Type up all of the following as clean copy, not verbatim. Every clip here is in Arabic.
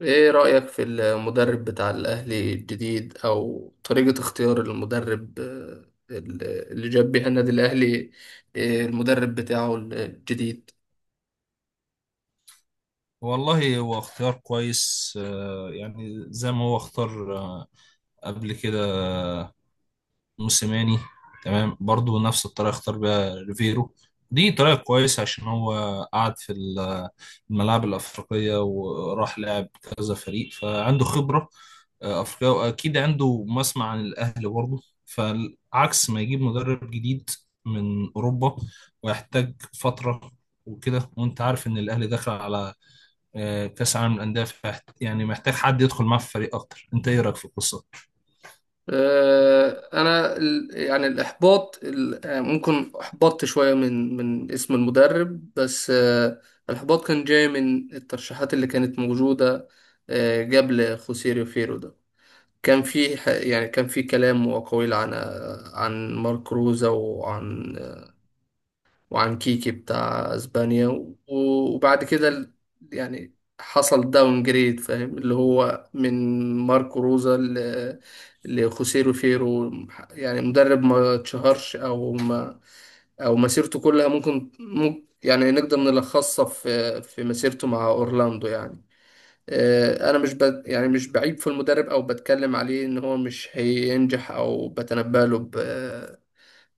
ايه رأيك في المدرب بتاع الأهلي الجديد او طريقة اختيار المدرب اللي جاب بيها النادي الأهلي المدرب بتاعه الجديد. والله هو اختيار كويس، يعني زي ما هو اختار قبل كده موسيماني. تمام، برضو نفس الطريقة اختار بيها ريفيرو. دي طريقة كويسة عشان هو قعد في الملاعب الأفريقية وراح لعب كذا فريق، فعنده خبرة أفريقية، وأكيد عنده مسمع عن الأهلي برضو. فعكس ما يجيب مدرب جديد من أوروبا ويحتاج فترة وكده. وانت عارف ان الاهلي داخل على كاس عالم للانديه، يعني محتاج حد يدخل معاه في فريق اكتر. انت ايه رايك في القصه؟ انا الاحباط ممكن احبطت شوية من اسم المدرب بس. الاحباط كان جاي من الترشيحات اللي كانت موجودة قبل خوسيريو فيرو ده. كان في كان في كلام وأقاويل عن عن مارك روزا وعن كيكي بتاع اسبانيا وبعد كده يعني حصل داون جريد، فاهم؟ اللي هو من ماركو روزا لخوسيه روفيرو، يعني مدرب ما اتشهرش او ما او مسيرته كلها ممكن نقدر نلخصها في مسيرته مع اورلاندو يعني. انا مش ب... يعني مش بعيب في المدرب او بتكلم عليه ان هو مش هينجح، او بتنبأ له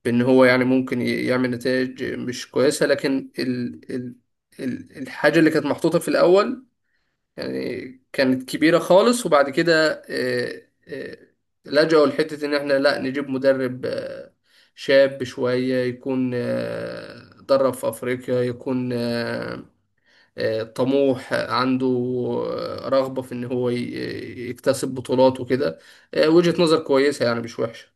بان هو يعني ممكن يعمل نتائج مش كويسه. لكن ال الحاجه اللي كانت محطوطه في الاول يعني كانت كبيره خالص، وبعد كده، لجأوا لحته ان احنا لا نجيب مدرب شاب شويه، يكون درب في افريقيا، يكون طموح، عنده رغبه في ان هو يكتسب بطولات وكده. وجهه نظر كويسه يعني، مش وحشه.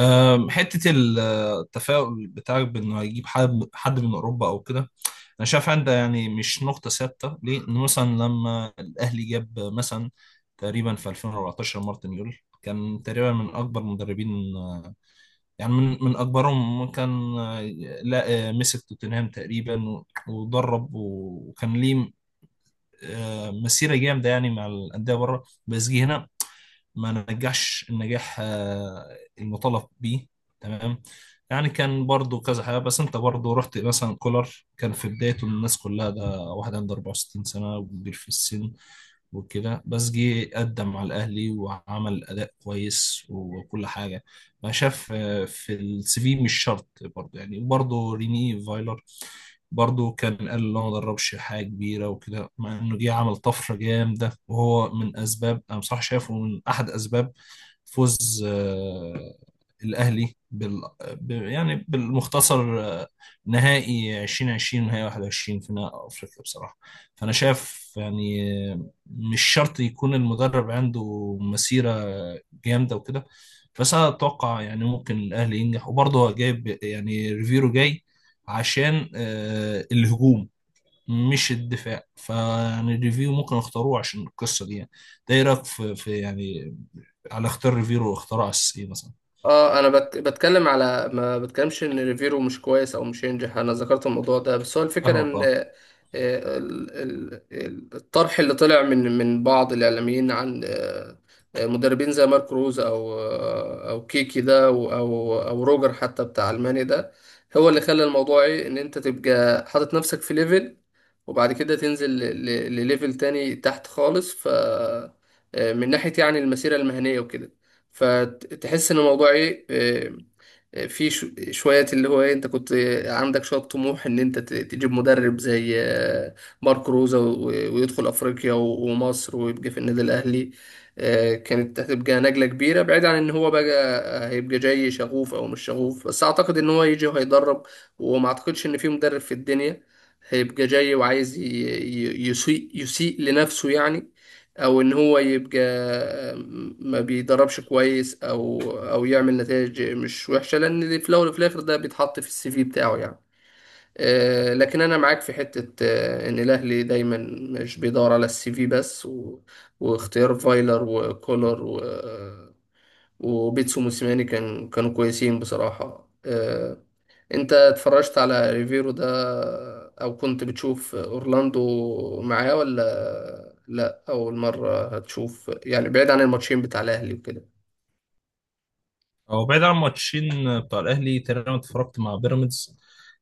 حته التفاؤل بتاعك بانه هيجيب حد من اوروبا او كده، انا شايف عندك يعني مش نقطه ثابته ليه. ان مثلا لما الاهلي جاب مثلا تقريبا في 2014 مارتن يول، كان تقريبا من اكبر مدربين، يعني من اكبرهم كان. آه، لا آه، مسك توتنهام تقريبا ودرب وكان ليه مسيره جامده يعني مع الانديه بره، بس جه هنا ما نجحش النجاح المطالب بيه. تمام. يعني كان برضو كذا حاجة. بس انت برضو رحت مثلا كولر كان في بدايته، الناس كلها ده واحد عنده 64 سنة وكبير في السن وكده. بس جه قدم على الأهلي وعمل أداء كويس وكل حاجة. ما شاف في السي في مش شرط برضو. يعني برضو ريني فايلر برضه كان قال اللي هو ما دربش حاجة كبيرة وكده، مع إنه جه عمل طفرة جامدة، وهو من أسباب، أنا بصراحة شايفه من أحد أسباب فوز الأهلي يعني بالمختصر نهائي 2020 ونهائي 21 في نهائي أفريقيا بصراحة. فأنا شايف يعني مش شرط يكون المدرب عنده مسيرة جامدة وكده. بس أنا أتوقع يعني ممكن الأهلي ينجح، وبرضه هو جايب، يعني ريفيرو جاي عشان الهجوم مش الدفاع. فيعني ريفيرو ممكن اختاروه عشان القصه دي يعني. ده ايه رايك في, في يعني على اختيار ريفيرو، واختار اساس ايه مثلا؟ اه انا بتكلم على ما بتكلمش ان ريفيرو مش كويس او مش ينجح، انا ذكرت الموضوع ده. بس هو الفكره فاهمك ان اه. الطرح اللي طلع من بعض الاعلاميين عن مدربين زي مارك روز او كيكي ده او او روجر حتى بتاع المانيا ده، هو اللي خلى الموضوع ايه، ان انت تبقى حاطط نفسك في ليفل، وبعد كده تنزل لليفل تاني تحت خالص. ف من ناحيه يعني المسيره المهنيه وكده، فتحس ان الموضوع ايه، في شوية اللي هو ايه، انت كنت عندك شوية طموح ان انت تجيب مدرب زي مارك روزا، ويدخل افريقيا ومصر ويبقى في النادي الاهلي. كانت هتبقى نجلة كبيرة، بعيد عن ان هو بقى هيبقى جاي شغوف او مش شغوف. بس اعتقد ان هو يجي وهيدرب، وما اعتقدش ان في مدرب في الدنيا هيبقى جاي وعايز يسيء لنفسه يعني، او ان هو يبقى ما بيدربش كويس او يعمل نتائج مش وحشه، لان في الاول وفي الاخر ده بيتحط في السي في بتاعه يعني. لكن انا معاك في حته ان الاهلي دايما مش بيدور على السي في بس، و... واختيار فايلر وكولر و... آه، وبيتسو موسيماني كانوا كويسين بصراحه. انت اتفرجت على ريفيرو ده، او كنت بتشوف اورلاندو معاه، ولا لا اول مرة هتشوف يعني، بعيد عن الماتشين بتاع الاهلي وكده؟ هو بعيد عن الماتشين بتاع الاهلي، تقريبا اتفرجت مع بيراميدز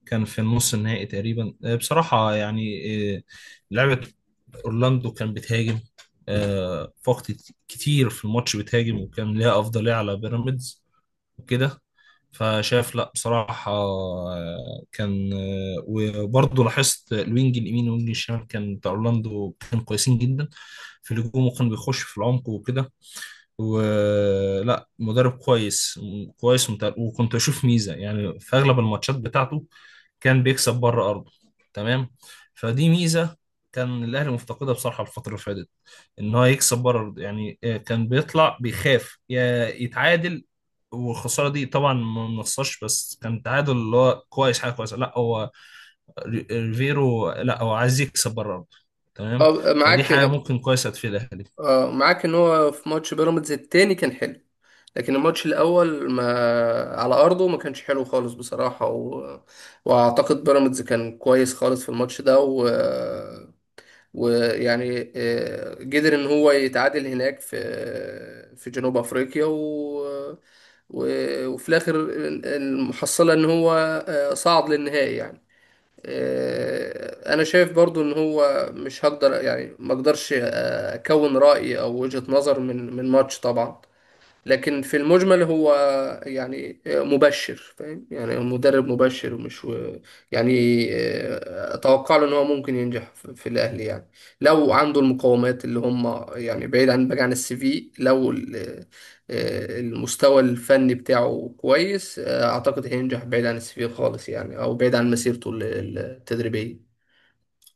كان في النص النهائي تقريبا. بصراحه يعني آه، لعبه اورلاندو كان بتهاجم في وقت كتير في الماتش، بتهاجم وكان ليها افضليه على بيراميدز وكده. فشاف، لا بصراحة، آه، كان آه، وبرضه لاحظت الوينج اليمين والوينج الشمال كان بتاع اورلاندو، كان كويسين جدا في الهجوم وكان بيخش في العمق وكده. ولا مدرب كويس، وكنت اشوف ميزه يعني في اغلب الماتشات بتاعته كان بيكسب بره ارضه. تمام. فدي ميزه كان الاهلي مفتقدها بصراحه الفتره اللي فاتت، ان هو يكسب بره ارضه يعني. كان بيطلع بيخاف يا يتعادل، والخساره دي طبعا ما بنخسرش، بس كان تعادل اللي هو كويس، حاجه كويسه. لا هو ريفيرو لا هو عايز يكسب بره ارضه. تمام. اه فدي معاك. حاجه ممكن كويسه تفيد الاهلي. اه معاك ان هو في ماتش بيراميدز التاني كان حلو، لكن الماتش الاول ما على ارضه ما كانش حلو خالص بصراحة. و... واعتقد بيراميدز كان كويس خالص في الماتش ده، و... ويعني قدر ان هو يتعادل هناك في في جنوب افريقيا، وفي الاخر المحصله ان هو صعد للنهائي يعني. انا شايف برضو ان هو مش هقدر يعني ما اقدرش اكون راي او وجهه نظر من ماتش طبعا، لكن في المجمل هو يعني مبشر، فاهم؟ يعني هو مدرب مبشر، ومش يعني اتوقع له ان هو ممكن ينجح في الاهلي يعني، لو عنده المقومات اللي هم يعني، بعيد عن السي في. لو المستوى الفني بتاعه كويس، اعتقد هينجح بعيد عن السي في خالص يعني، او بعيد عن مسيرته التدريبية.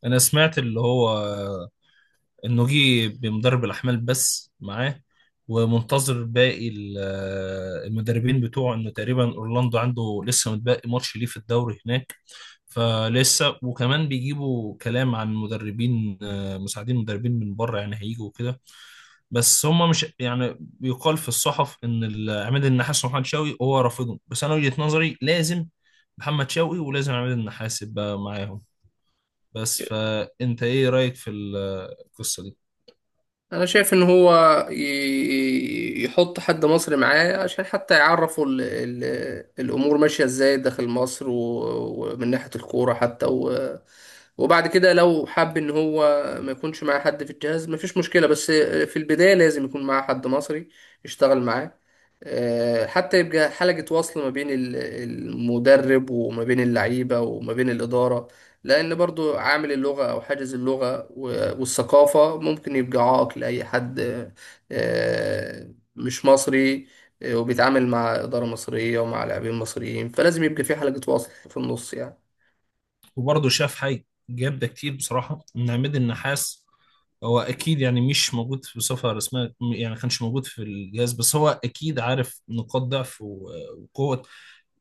انا سمعت اللي هو النوجي بمدرب الأحمال بس معاه، ومنتظر باقي المدربين بتوعه. إنه تقريبا أورلاندو عنده لسه متبقي ماتش ليه في الدوري هناك. فلسه، وكمان بيجيبوا كلام عن مدربين مساعدين، مدربين من بره يعني هيجوا وكده. بس هم مش، يعني بيقال في الصحف ان عماد النحاس ومحمد شوقي هو رافضهم. بس انا وجهة نظري لازم محمد شوقي ولازم عماد النحاس يبقى معاهم. بس فانت ايه رأيك في القصة دي؟ انا شايف ان هو يحط حد مصري معاه، عشان حتى يعرفوا ال ال الامور ماشيه ازاي داخل مصر ومن ناحيه الكوره حتى. و وبعد كده لو حب ان هو ما يكونش معاه حد في الجهاز، مفيش مشكله. بس في البدايه لازم يكون معاه حد مصري يشتغل معاه، حتى يبقى حلقه وصل ما بين المدرب وما بين اللعيبه وما بين الاداره. لأن برضو عامل اللغة أو حاجز اللغة والثقافة ممكن يبقى عائق لأي حد مش مصري، وبيتعامل مع إدارة مصرية ومع لاعبين مصريين، فلازم يبقى في حلقة وصل في النص يعني. وبرضه شاف حاجة، جاب ده كتير بصراحة من عماد النحاس. هو أكيد يعني مش موجود في صفة رسمية، يعني ما كانش موجود في الجهاز، بس هو أكيد عارف نقاط ضعف وقوة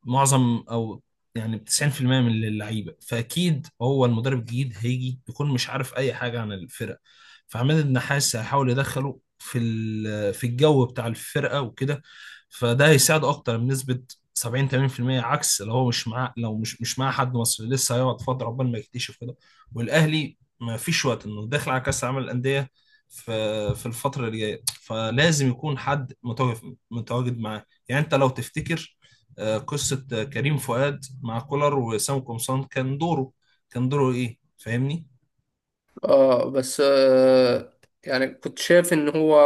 معظم، او يعني 90% من اللعيبه. فاكيد هو المدرب الجديد هيجي يكون مش عارف اي حاجه عن الفرقه. فعماد النحاس هيحاول يدخله في الجو بتاع الفرقه وكده. فده هيساعده اكتر بنسبه 70 80%، عكس لو هو مش معاه. لو مش معاه حد مصري، لسه هيقعد فتره عقبال ما يكتشف كده. والاهلي ما فيش وقت، انه داخل على كاس العالم للانديه في في الفتره اللي جايه. فلازم يكون حد متواجد، متواجد معاه يعني. انت لو تفتكر قصة كريم فؤاد مع كولر وسام قمصان، كان دوره، كان دوره ايه، فاهمني؟ اه بس آه، يعني كنت شايف ان هو،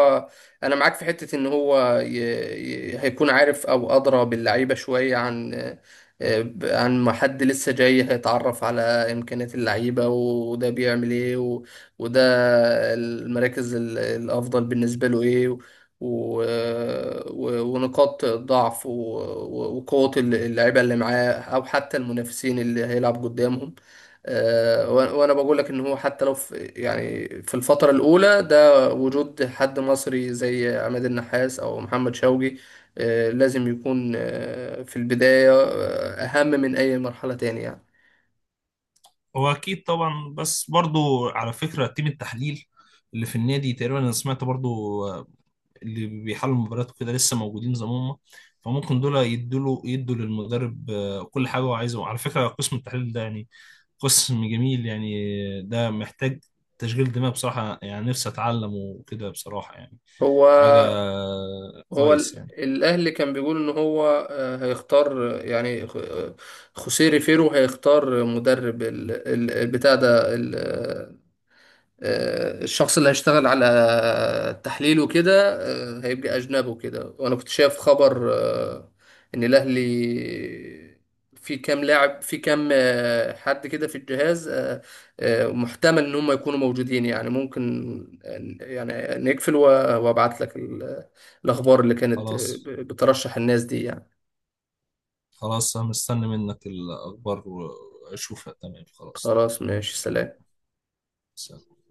انا معاك في حتة ان هو هيكون عارف او ادرى باللعيبة شوية عن عن ما حد لسه جاي هيتعرف على امكانيات اللعيبة، وده بيعمل ايه، و... وده المراكز الافضل بالنسبة له ايه، و ونقاط ضعف و... وقوة اللعيبة اللي معاه، او حتى المنافسين اللي هيلعب قدامهم. وانا بقول لك ان هو حتى لو في يعني، في الفتره الاولى ده، وجود حد مصري زي عماد النحاس او محمد شوقي لازم يكون في البدايه اهم من اي مرحله تانية يعني. هو اكيد طبعا. بس برضو على فكرة تيم التحليل اللي في النادي تقريبا، انا سمعت برضو اللي بيحلوا المباريات وكده لسه موجودين زي ما هم. فممكن دول يدوا للمدرب كل حاجة هو عايزه. على فكرة قسم التحليل ده يعني قسم جميل يعني، ده محتاج تشغيل دماغ بصراحة يعني، نفسي اتعلم وكده بصراحة يعني هو حاجة. هو كويس ال يعني. الاهلي كان بيقول ان هو هيختار خوسيه ريفيرو هيختار مدرب البتاع ده، الشخص اللي هيشتغل على تحليل وكده هيبقى أجنبي وكده. وأنا كنت شايف خبر إن الأهلي في كام لاعب، في كام حد كده في الجهاز محتمل إن هم يكونوا موجودين يعني. ممكن يعني نقفل وأبعت لك الأخبار اللي كانت خلاص. بترشح الناس دي يعني. خلاص أنا مستني منك الأخبار وأشوفها. تمام، خلاص. خلاص ماشي، سلام. سلام.